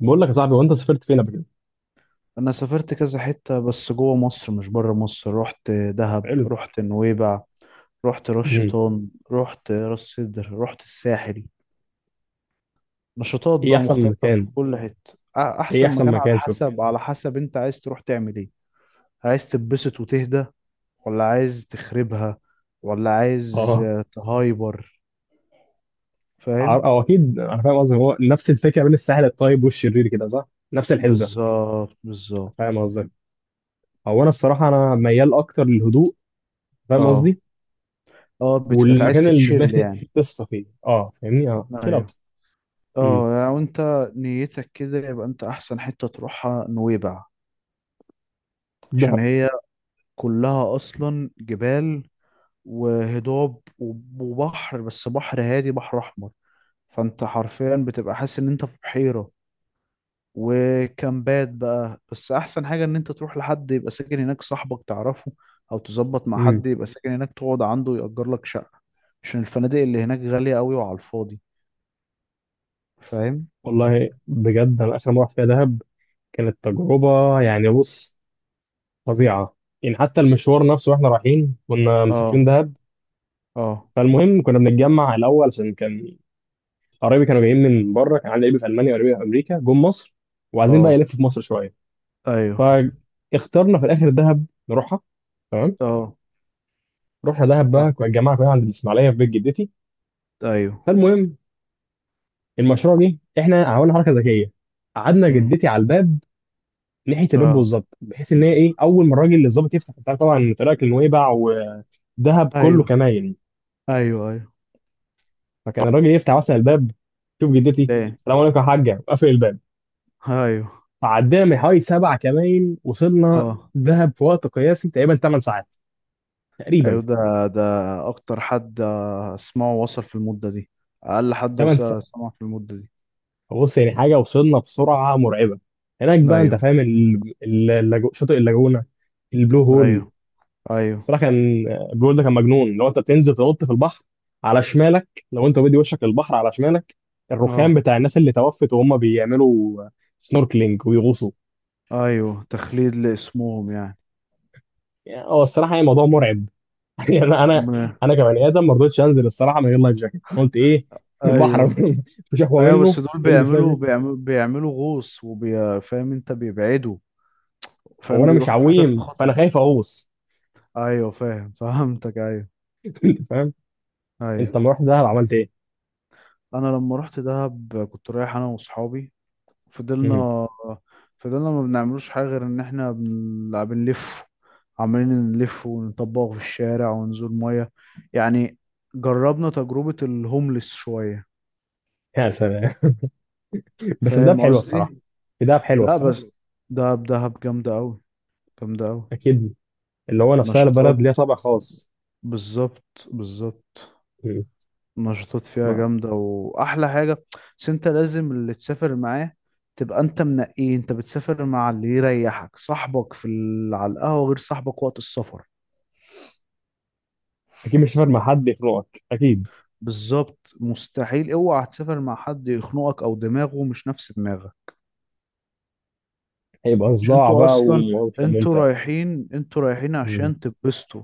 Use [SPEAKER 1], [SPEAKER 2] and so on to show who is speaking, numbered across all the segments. [SPEAKER 1] بقول لك يا صاحبي، وانت سافرت فين قبل كده؟
[SPEAKER 2] انا سافرت كذا حتة، بس جوه مصر مش بره مصر. رحت دهب،
[SPEAKER 1] حلو.
[SPEAKER 2] رحت نويبع، رحت رش
[SPEAKER 1] مهم.
[SPEAKER 2] شيطان، رحت راس سدر، رحت الساحل. نشاطات
[SPEAKER 1] ايه
[SPEAKER 2] بقى
[SPEAKER 1] احسن
[SPEAKER 2] مختلفة في
[SPEAKER 1] مكان؟
[SPEAKER 2] كل حتة.
[SPEAKER 1] ايه
[SPEAKER 2] احسن
[SPEAKER 1] احسن
[SPEAKER 2] مكان على
[SPEAKER 1] مكان شفته؟
[SPEAKER 2] حسب على حسب انت عايز تروح تعمل ايه؟ عايز تتبسط وتهدى، ولا عايز تخربها، ولا عايز
[SPEAKER 1] اه.
[SPEAKER 2] تهايبر. فاهم؟
[SPEAKER 1] او اكيد انا فاهم قصدي، هو نفس الفكره بين الساحل الطيب والشرير كده صح؟ نفس الحسبه.
[SPEAKER 2] بالظبط،
[SPEAKER 1] فاهم
[SPEAKER 2] بالظبط.
[SPEAKER 1] قصدي؟ هو انا الصراحه انا ميال اكتر للهدوء. فاهم
[SPEAKER 2] اه،
[SPEAKER 1] قصدي؟
[SPEAKER 2] اه. عايز
[SPEAKER 1] والمكان اللي
[SPEAKER 2] تتشيل
[SPEAKER 1] دماغي
[SPEAKER 2] يعني.
[SPEAKER 1] تصفى فيه، فاهمني؟ اه، تشيل
[SPEAKER 2] ايوه.
[SPEAKER 1] اوت. امم.
[SPEAKER 2] اه، يعني وانت نيتك كده، يبقى انت احسن حتة تروحها نويبع. عشان
[SPEAKER 1] دهب.
[SPEAKER 2] هي كلها اصلا جبال وهضاب وبحر، بس بحر هادي، بحر احمر. فانت حرفيا بتبقى حاسس ان انت في بحيرة. وكامبات بقى، بس احسن حاجة ان انت تروح لحد يبقى ساكن هناك، صاحبك تعرفه، او تظبط مع
[SPEAKER 1] مم.
[SPEAKER 2] حد يبقى ساكن هناك تقعد عنده يأجر لك شقة، عشان الفنادق اللي هناك غالية قوي وعلى الفاضي. فاهم.
[SPEAKER 1] والله بجد انا اخر مره رحت فيها دهب كانت تجربه، يعني بص، فظيعه. يعني حتى المشوار نفسه واحنا رايحين، كنا مسافرين
[SPEAKER 2] اه،
[SPEAKER 1] دهب،
[SPEAKER 2] اه،
[SPEAKER 1] فالمهم كنا بنتجمع الاول عشان كان قرايبي كانوا جايين من بره، كان عندي قرايبي في المانيا وقرايبي في امريكا جم مصر وعايزين بقى
[SPEAKER 2] اه،
[SPEAKER 1] يلفوا في مصر شويه.
[SPEAKER 2] ايوه،
[SPEAKER 1] فاخترنا في الاخر دهب نروحها. تمام.
[SPEAKER 2] اه،
[SPEAKER 1] رحنا دهب بقى، كنا الجماعه كلها عند الاسماعيليه في بيت جدتي.
[SPEAKER 2] ايوه،
[SPEAKER 1] فالمهم، المشروع جه، احنا عملنا حركه ذكيه، قعدنا
[SPEAKER 2] امم،
[SPEAKER 1] جدتي على الباب، ناحيه الباب
[SPEAKER 2] اه،
[SPEAKER 1] بالظبط، بحيث ان هي ايه، اول ما الراجل اللي الظابط يفتح، انت عارف طبعا طريقك لنويبع ودهب كله
[SPEAKER 2] ايوه،
[SPEAKER 1] كماين.
[SPEAKER 2] ايوه، ايوه.
[SPEAKER 1] فكان الراجل يفتح مثلا الباب، شوف جدتي،
[SPEAKER 2] ليه؟
[SPEAKER 1] السلام عليكم يا حاجه، وقفل الباب.
[SPEAKER 2] ايوه،
[SPEAKER 1] عدينا من حوالي سبع كمان، وصلنا
[SPEAKER 2] اه،
[SPEAKER 1] دهب في وقت قياسي تقريبا 8 ساعات،
[SPEAKER 2] ايوه،
[SPEAKER 1] تقريبا
[SPEAKER 2] ده. ده اكتر حد اسمعه وصل في المدة دي. اقل حد
[SPEAKER 1] 8
[SPEAKER 2] وصل
[SPEAKER 1] ساعات.
[SPEAKER 2] سمع في المدة دي.
[SPEAKER 1] بص يعني حاجه وصلنا بسرعه مرعبه. هناك بقى انت
[SPEAKER 2] ايوه،
[SPEAKER 1] فاهم شاطئ اللاجونه، البلو هول.
[SPEAKER 2] ايوه، ايوه،
[SPEAKER 1] الصراحه كان البلو هول ده كان مجنون. لو انت بتنزل تنط في البحر على شمالك، لو انت بدي وشك للبحر على شمالك، الرخام
[SPEAKER 2] اه،
[SPEAKER 1] بتاع الناس اللي توفت وهم بيعملوا سنوركلينج ويغوصوا.
[SPEAKER 2] ايوه، تخليد لاسمهم يعني.
[SPEAKER 1] يعني هو الصراحه يعني موضوع مرعب. يعني انا انا
[SPEAKER 2] م-
[SPEAKER 1] انا كبني ادم ما رضيتش انزل الصراحه من غير لايف جاكيت. انا قلت ايه، البحر
[SPEAKER 2] ايوه،
[SPEAKER 1] مش اقوى
[SPEAKER 2] ايوه.
[SPEAKER 1] منه.
[SPEAKER 2] بس دول
[SPEAKER 1] البس لايف
[SPEAKER 2] بيعملوا
[SPEAKER 1] جاكيت.
[SPEAKER 2] بيعملوا بيعملوا غوص وبيفهم، انت بيبعدوا،
[SPEAKER 1] هو
[SPEAKER 2] فاهم،
[SPEAKER 1] انا مش
[SPEAKER 2] بيروحوا في حتة
[SPEAKER 1] عويم فانا
[SPEAKER 2] خطر.
[SPEAKER 1] خايف اغوص.
[SPEAKER 2] ايوه، فاهم، فهمتك، ايوه.
[SPEAKER 1] فاهم. انت
[SPEAKER 2] ايوه.
[SPEAKER 1] لما رحت دهب عملت ايه؟
[SPEAKER 2] انا لما رحت دهب كنت رايح انا واصحابي.
[SPEAKER 1] مم.
[SPEAKER 2] فضلنا فضلنا ما بنعملوش حاجة غير إن إحنا بنلف. عمالين نلف ونطبق في الشارع ونزول مية يعني. جربنا تجربة الهوملس شوية.
[SPEAKER 1] يا سلام. بس في دهب
[SPEAKER 2] فاهم
[SPEAKER 1] حلوه الصراحه،
[SPEAKER 2] قصدي؟
[SPEAKER 1] في دهب حلوه
[SPEAKER 2] لا بس
[SPEAKER 1] الصراحه.
[SPEAKER 2] دهب جامدة أوي، جامدة أوي.
[SPEAKER 1] اكيد. اللي هو نفسها البلد
[SPEAKER 2] نشاطات،
[SPEAKER 1] ليها طابع خاص.
[SPEAKER 2] بالظبط، بالظبط.
[SPEAKER 1] مم.
[SPEAKER 2] نشاطات فيها
[SPEAKER 1] ما.
[SPEAKER 2] جامدة وأحلى حاجة. بس أنت لازم اللي تسافر معاه تبقى أنت منقيه. أنت بتسافر مع اللي يريحك. صاحبك في على القهوة غير صاحبك وقت السفر.
[SPEAKER 1] اكيد مش هتسافر مع حد يخنقك، اكيد
[SPEAKER 2] بالظبط، مستحيل. اوعى تسافر مع حد يخنقك او دماغه مش نفس دماغك.
[SPEAKER 1] هيبقى
[SPEAKER 2] عشان
[SPEAKER 1] صداع
[SPEAKER 2] انتوا
[SPEAKER 1] بقى
[SPEAKER 2] اصلا،
[SPEAKER 1] ومش هيبقى ممتع.
[SPEAKER 2] انتوا رايحين
[SPEAKER 1] مم.
[SPEAKER 2] عشان تبسطوا.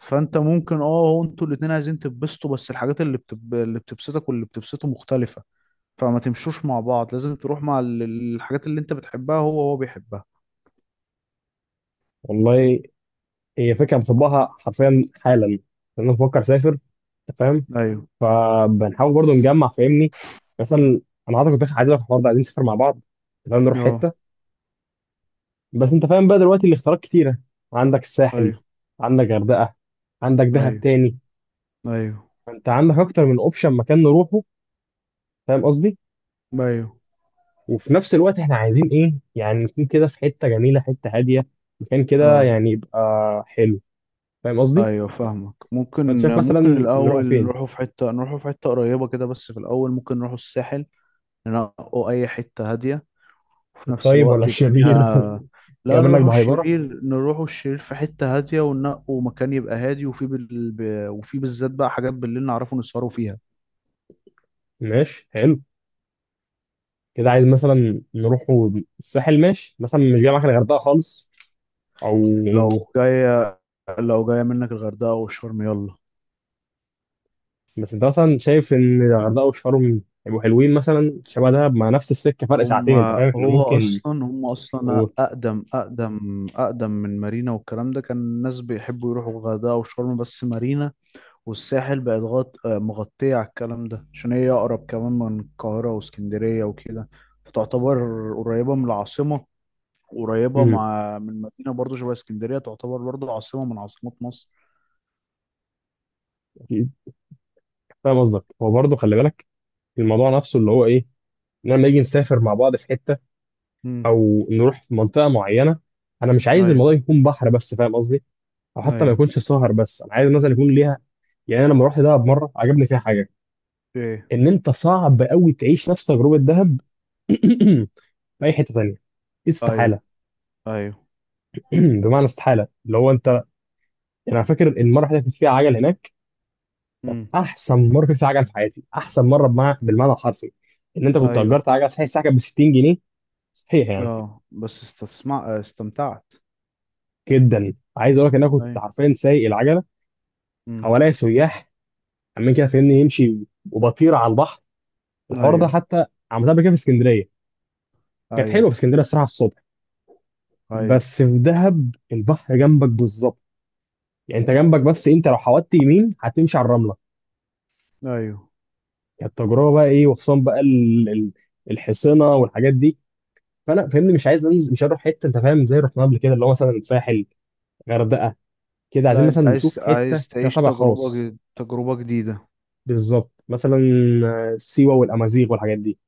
[SPEAKER 2] فانت ممكن، هو انتوا الاتنين عايزين تبسطوا، بس الحاجات اللي بتبسطك واللي بتبسطه مختلفة. فما تمشوش مع بعض، لازم تروح مع الحاجات اللي انت بتحبها هو بيحبها.
[SPEAKER 1] والله هي فكره مطبقها حرفيا حالا، لان انا بفكر اسافر. أنت فاهم؟
[SPEAKER 2] ايوه،
[SPEAKER 1] فبنحاول برضو نجمع، فاهمني؟ مثلا انا عايزك، كنت عايز اروح النهارده، عايزين نسافر مع بعض، تمام، نروح
[SPEAKER 2] اه،
[SPEAKER 1] حته. بس انت فاهم بقى دلوقتي الاختيارات كتيره، عندك
[SPEAKER 2] ايوه،
[SPEAKER 1] الساحل، عندك غردقه، عندك دهب
[SPEAKER 2] ايوه،
[SPEAKER 1] تاني.
[SPEAKER 2] ايوه،
[SPEAKER 1] فانت عندك اكتر من اوبشن مكان نروحه، فاهم قصدي؟
[SPEAKER 2] ايوه،
[SPEAKER 1] وفي نفس الوقت احنا عايزين ايه يعني، نكون كده في حته جميله، حته هاديه، مكان كده
[SPEAKER 2] اه،
[SPEAKER 1] يعني يبقى حلو، فاهم قصدي؟
[SPEAKER 2] ايوه، فاهمك.
[SPEAKER 1] فانت
[SPEAKER 2] ممكن
[SPEAKER 1] شايف
[SPEAKER 2] ممكن
[SPEAKER 1] مثلا نروح
[SPEAKER 2] الاول
[SPEAKER 1] فين،
[SPEAKER 2] نروحوا في حته قريبه كده، بس في الاول ممكن نروحوا الساحل. ننقوا أي حتة هادية، وفي نفس
[SPEAKER 1] الطيب ولا
[SPEAKER 2] الوقت يبقى
[SPEAKER 1] الشرير؟
[SPEAKER 2] فيها.
[SPEAKER 1] جاي
[SPEAKER 2] لا،
[SPEAKER 1] منك بهايبره.
[SPEAKER 2] نروحوا الشرير في حتة هادية، وننقوا مكان يبقى هادي، وفي وفي بالذات بقى حاجات بالليل نعرفوا نسهروا فيها.
[SPEAKER 1] ماشي، حلو. كده عايز مثلا نروح الساحل، ماشي. مثلا مش جاي معاك الغردقه خالص
[SPEAKER 2] لو
[SPEAKER 1] او
[SPEAKER 2] جاية لو جاية منك الغردقة أو الشرم، يلا.
[SPEAKER 1] بس انت مثلا شايف ان الغردقه وشرم يبقوا حلوين مثلا، شبه ده، مع نفس السكه فرق
[SPEAKER 2] هم،
[SPEAKER 1] ساعتين، انت فاهم احنا
[SPEAKER 2] هو
[SPEAKER 1] ممكن.
[SPEAKER 2] أصلا هم
[SPEAKER 1] و...
[SPEAKER 2] أصلا أقدم من مارينا. والكلام ده كان الناس بيحبوا يروحوا الغردقة والشرم، بس مارينا والساحل بقت غط... آه، مغطية على الكلام ده، عشان هي أقرب كمان من القاهرة واسكندرية وكده. فتعتبر قريبة من العاصمة، قريبة
[SPEAKER 1] مم.
[SPEAKER 2] مع من مدينة برضو شبه اسكندرية، تعتبر برضو عاصمة من عاصمات مصر.
[SPEAKER 1] اكيد. فاهم قصدك. هو برضه خلي بالك، الموضوع نفسه اللي هو ايه، إن لما نيجي نسافر مع بعض في حته
[SPEAKER 2] امم،
[SPEAKER 1] او نروح في منطقه معينه، انا مش عايز
[SPEAKER 2] أيوه،
[SPEAKER 1] الموضوع يكون بحر بس، فاهم قصدي؟ او حتى ما
[SPEAKER 2] أيوه.
[SPEAKER 1] يكونش سهر بس، انا عايز مثلا يكون ليها، يعني انا لما رحت دهب مره عجبني فيها حاجه،
[SPEAKER 2] إيه؟
[SPEAKER 1] ان انت صعب قوي تعيش نفس تجربه دهب في اي حته تانيه،
[SPEAKER 2] أيوه،
[SPEAKER 1] استحاله.
[SPEAKER 2] أيوه،
[SPEAKER 1] بمعنى استحاله اللي هو انت، انا فاكر المره اللي كنت فيها عجل هناك، كانت
[SPEAKER 2] امم،
[SPEAKER 1] احسن مره كنت فيها عجل في حياتي، احسن مره بالمعنى الحرفي. ان انت كنت
[SPEAKER 2] أيوه.
[SPEAKER 1] اجرت عجله، صحيح الساعه كانت ب 60 جنيه، صحيح، يعني
[SPEAKER 2] آه، بس استسمع، استمتعت.
[SPEAKER 1] جدا عايز اقول لك ان انا كنت
[SPEAKER 2] أيوه،
[SPEAKER 1] حرفيا سايق العجله،
[SPEAKER 2] امم،
[SPEAKER 1] حواليا سياح عمالين كده، فاهمني، يمشي وبطير على البحر، الحوار ده.
[SPEAKER 2] أيوه،
[SPEAKER 1] حتى عملتها قبل كده في اسكندريه، كانت حلوه
[SPEAKER 2] أيوه،
[SPEAKER 1] في اسكندريه الصراحه الصبح،
[SPEAKER 2] أيوه،
[SPEAKER 1] بس في دهب البحر جنبك بالظبط، يعني انت جنبك، بس ايه، انت لو حودت يمين هتمشي على الرمله.
[SPEAKER 2] أيوه.
[SPEAKER 1] كانت تجربه بقى ايه، وخصوصا بقى الحصينه والحاجات دي. فانا فاهمني مش عايز انزل، مش هروح حته انت فاهم زي رحنا قبل كده، اللي هو مثلا ساحل، غردقه. كده عايزين
[SPEAKER 2] لا،
[SPEAKER 1] مثلا
[SPEAKER 2] أنت
[SPEAKER 1] نشوف
[SPEAKER 2] عايز
[SPEAKER 1] حته فيها
[SPEAKER 2] تعيش
[SPEAKER 1] طابع خاص،
[SPEAKER 2] تجربة جديدة.
[SPEAKER 1] بالظبط. مثلا سيوه والامازيغ والحاجات دي،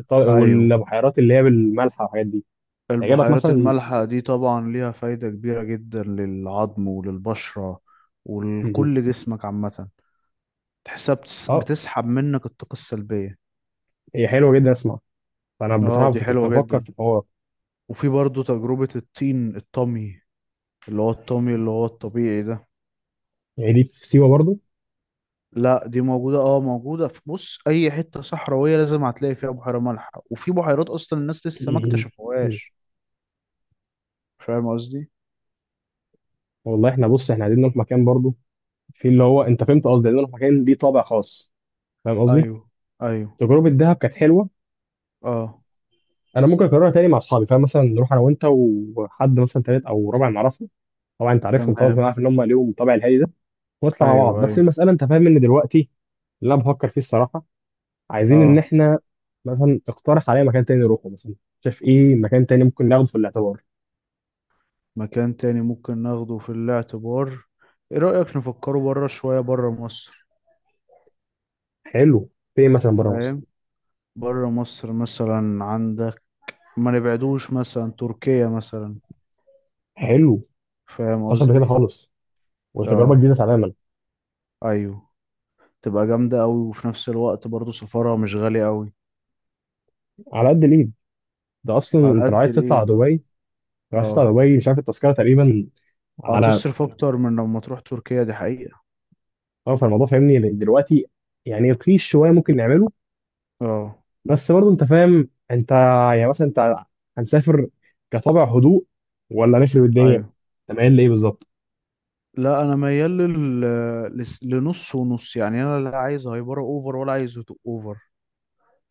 [SPEAKER 2] أيوه.
[SPEAKER 1] والبحيرات اللي هي بالملح والحاجات دي، تعجبك
[SPEAKER 2] البحيرات
[SPEAKER 1] مثلا.
[SPEAKER 2] المالحة دي طبعا ليها فايدة كبيرة جدا للعظم وللبشرة،
[SPEAKER 1] م- م.
[SPEAKER 2] ولكل جسمك عامة. تحسها
[SPEAKER 1] اه
[SPEAKER 2] بتسحب منك الطاقة السلبية.
[SPEAKER 1] هي حلوه جدا، اسمع، فانا
[SPEAKER 2] اه،
[SPEAKER 1] بصراحه
[SPEAKER 2] دي
[SPEAKER 1] كنت
[SPEAKER 2] حلوة
[SPEAKER 1] بفكر
[SPEAKER 2] جدا.
[SPEAKER 1] في الحوار.
[SPEAKER 2] وفي برضو تجربة الطين الطمي، اللي هو الطمي، اللي هو الطبيعي ده.
[SPEAKER 1] يعني دي في سيوه برضو؟
[SPEAKER 2] لا، دي موجودة، موجودة في، بص، أي حتة صحراوية لازم هتلاقي فيها بحيرة مالحة، وفي بحيرات أصلا الناس لسه ما
[SPEAKER 1] م- م.
[SPEAKER 2] اكتشفوهاش. فاهم قصدي؟
[SPEAKER 1] والله احنا بص احنا عايزين نروح مكان برضو في اللي هو انت فهمت قصدي، لان انا مكان ليه طابع خاص، فاهم قصدي؟
[SPEAKER 2] أيوه، أيوه،
[SPEAKER 1] تجربه دهب كانت حلوه،
[SPEAKER 2] اه،
[SPEAKER 1] انا ممكن اكررها تاني مع اصحابي، فاهم؟ مثلا نروح انا وانت وحد مثلا تالت او رابع نعرفه، طبعا انت عارفهم طبعا،
[SPEAKER 2] تمام.
[SPEAKER 1] فانا عارف ان هم ليهم طابع الهادي ده ونطلع مع بعض.
[SPEAKER 2] أيوه،
[SPEAKER 1] بس
[SPEAKER 2] أيوه،
[SPEAKER 1] المساله انت فاهم ان دلوقتي اللي انا بفكر فيه الصراحه، عايزين ان
[SPEAKER 2] اه.
[SPEAKER 1] احنا مثلا اقترح عليا مكان تاني نروحه مثلا، شايف ايه مكان تاني ممكن ناخده في الاعتبار؟
[SPEAKER 2] مكان تاني ممكن ناخده في الاعتبار. ايه رأيك نفكره بره شوية، بره مصر؟
[SPEAKER 1] حلو، فين مثلا بره مصر؟
[SPEAKER 2] فاهم. بره مصر مثلا عندك، ما نبعدوش، مثلا تركيا مثلا.
[SPEAKER 1] حلو،
[SPEAKER 2] فاهم
[SPEAKER 1] مفيش قبل كده
[SPEAKER 2] قصدي؟
[SPEAKER 1] خالص، وتجربه
[SPEAKER 2] اه،
[SPEAKER 1] جديده تماما.
[SPEAKER 2] ايوه. تبقى جامدة قوي، وفي نفس الوقت برضو سفرها مش غالي قوي،
[SPEAKER 1] على قد الايد. ده اصلا
[SPEAKER 2] على
[SPEAKER 1] انت لو
[SPEAKER 2] قد
[SPEAKER 1] عايز تطلع
[SPEAKER 2] الايد، اه.
[SPEAKER 1] دبي، رشيد
[SPEAKER 2] اه،
[SPEAKER 1] عرباوي مش عارف التذكره تقريبا، على
[SPEAKER 2] هتصرف اكتر من لما تروح تركيا، دي حقيقة.
[SPEAKER 1] طرف الموضوع، فاهمني؟ لأن دلوقتي يعني رخيص شويه ممكن نعمله.
[SPEAKER 2] اه،
[SPEAKER 1] بس برضه انت فاهم، انت يعني مثلا، انت هنسافر كطابع هدوء ولا نخرب الدنيا؟
[SPEAKER 2] ايوه.
[SPEAKER 1] انت مايل لايه بالظبط؟
[SPEAKER 2] لا، انا ميال لنص ونص، يعني انا لا عايز هايبره اوفر ولا عايز هدوء اوفر.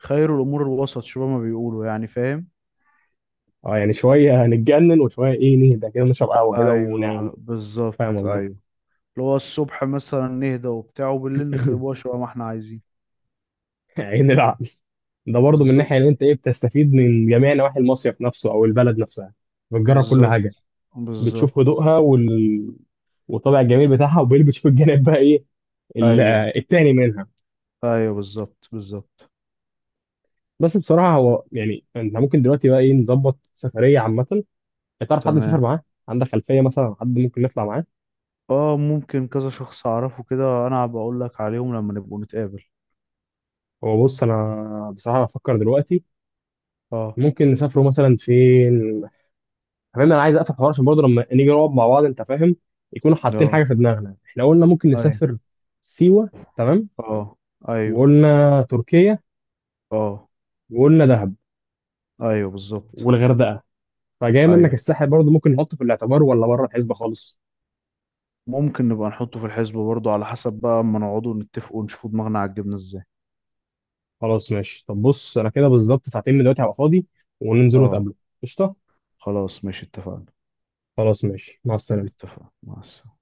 [SPEAKER 2] خير الأمور الوسط شبه ما بيقولوا يعني، فاهم.
[SPEAKER 1] اه، يعني شويه هنتجنن وشويه ايه، نهدى كده نشرب قهوه كده ونعل.
[SPEAKER 2] أيوه،
[SPEAKER 1] فاهم
[SPEAKER 2] بالظبط،
[SPEAKER 1] قصدي؟
[SPEAKER 2] أيوه. اللي هو الصبح مثلا نهدى وبتاع، وبالليل نخربوها، شبه ما احنا عايزين.
[SPEAKER 1] عين العقل. ده برضه من
[SPEAKER 2] بالظبط،
[SPEAKER 1] ناحيه ان انت ايه، بتستفيد من جميع نواحي المصيف نفسه او البلد نفسها، بتجرب كل
[SPEAKER 2] بالظبط،
[SPEAKER 1] حاجه، بتشوف
[SPEAKER 2] بالظبط.
[SPEAKER 1] هدوءها والطابع الجميل بتاعها، وبيلبسوا في الجانب بقى ايه، ال-
[SPEAKER 2] أيوه،
[SPEAKER 1] التاني منها.
[SPEAKER 2] أيوه، بالظبط، بالظبط.
[SPEAKER 1] بس بصراحه هو يعني، انت ممكن دلوقتي بقى ايه نظبط سفريه عامه، تعرف حد مسافر
[SPEAKER 2] تمام.
[SPEAKER 1] معاه، عندك خلفيه مثلا عن حد ممكن نطلع معاه؟
[SPEAKER 2] اه، ممكن كذا شخص أعرفه كده، أنا هبقى أقول لك عليهم لما نبقوا نتقابل.
[SPEAKER 1] هو بص انا بصراحه بفكر دلوقتي
[SPEAKER 2] اه،
[SPEAKER 1] ممكن نسافروا مثلا فين، فاهم؟ انا عايز اقفل حوار عشان برضه لما نيجي نقعد مع بعض انت فاهم يكونوا حاطين
[SPEAKER 2] اه،
[SPEAKER 1] حاجه في دماغنا، احنا قلنا ممكن
[SPEAKER 2] أيوه،
[SPEAKER 1] نسافر سيوه، تمام،
[SPEAKER 2] اه، أيوه،
[SPEAKER 1] وقلنا تركيا،
[SPEAKER 2] اه،
[SPEAKER 1] وقلنا دهب،
[SPEAKER 2] أيوه، بالظبط،
[SPEAKER 1] والغردقه. فجاي منك
[SPEAKER 2] أيوه.
[SPEAKER 1] الساحل برضه ممكن نحطه في الاعتبار ولا بره الحسبه خالص؟
[SPEAKER 2] ممكن نبقى نحطه في الحسبة برضه، على حسب بقى اما نقعدوا نتفقوا ونشوفوا دماغنا عالجبنة ازاي.
[SPEAKER 1] خلاص ماشي. طب بص انا كده بالظبط ساعتين من دلوقتي هبقى فاضي وننزل
[SPEAKER 2] اه،
[SPEAKER 1] نتقابله. قشطه،
[SPEAKER 2] خلاص، ماشي، اتفقنا.
[SPEAKER 1] خلاص ماشي، مع السلامه.
[SPEAKER 2] اتفقنا، مع السلامة.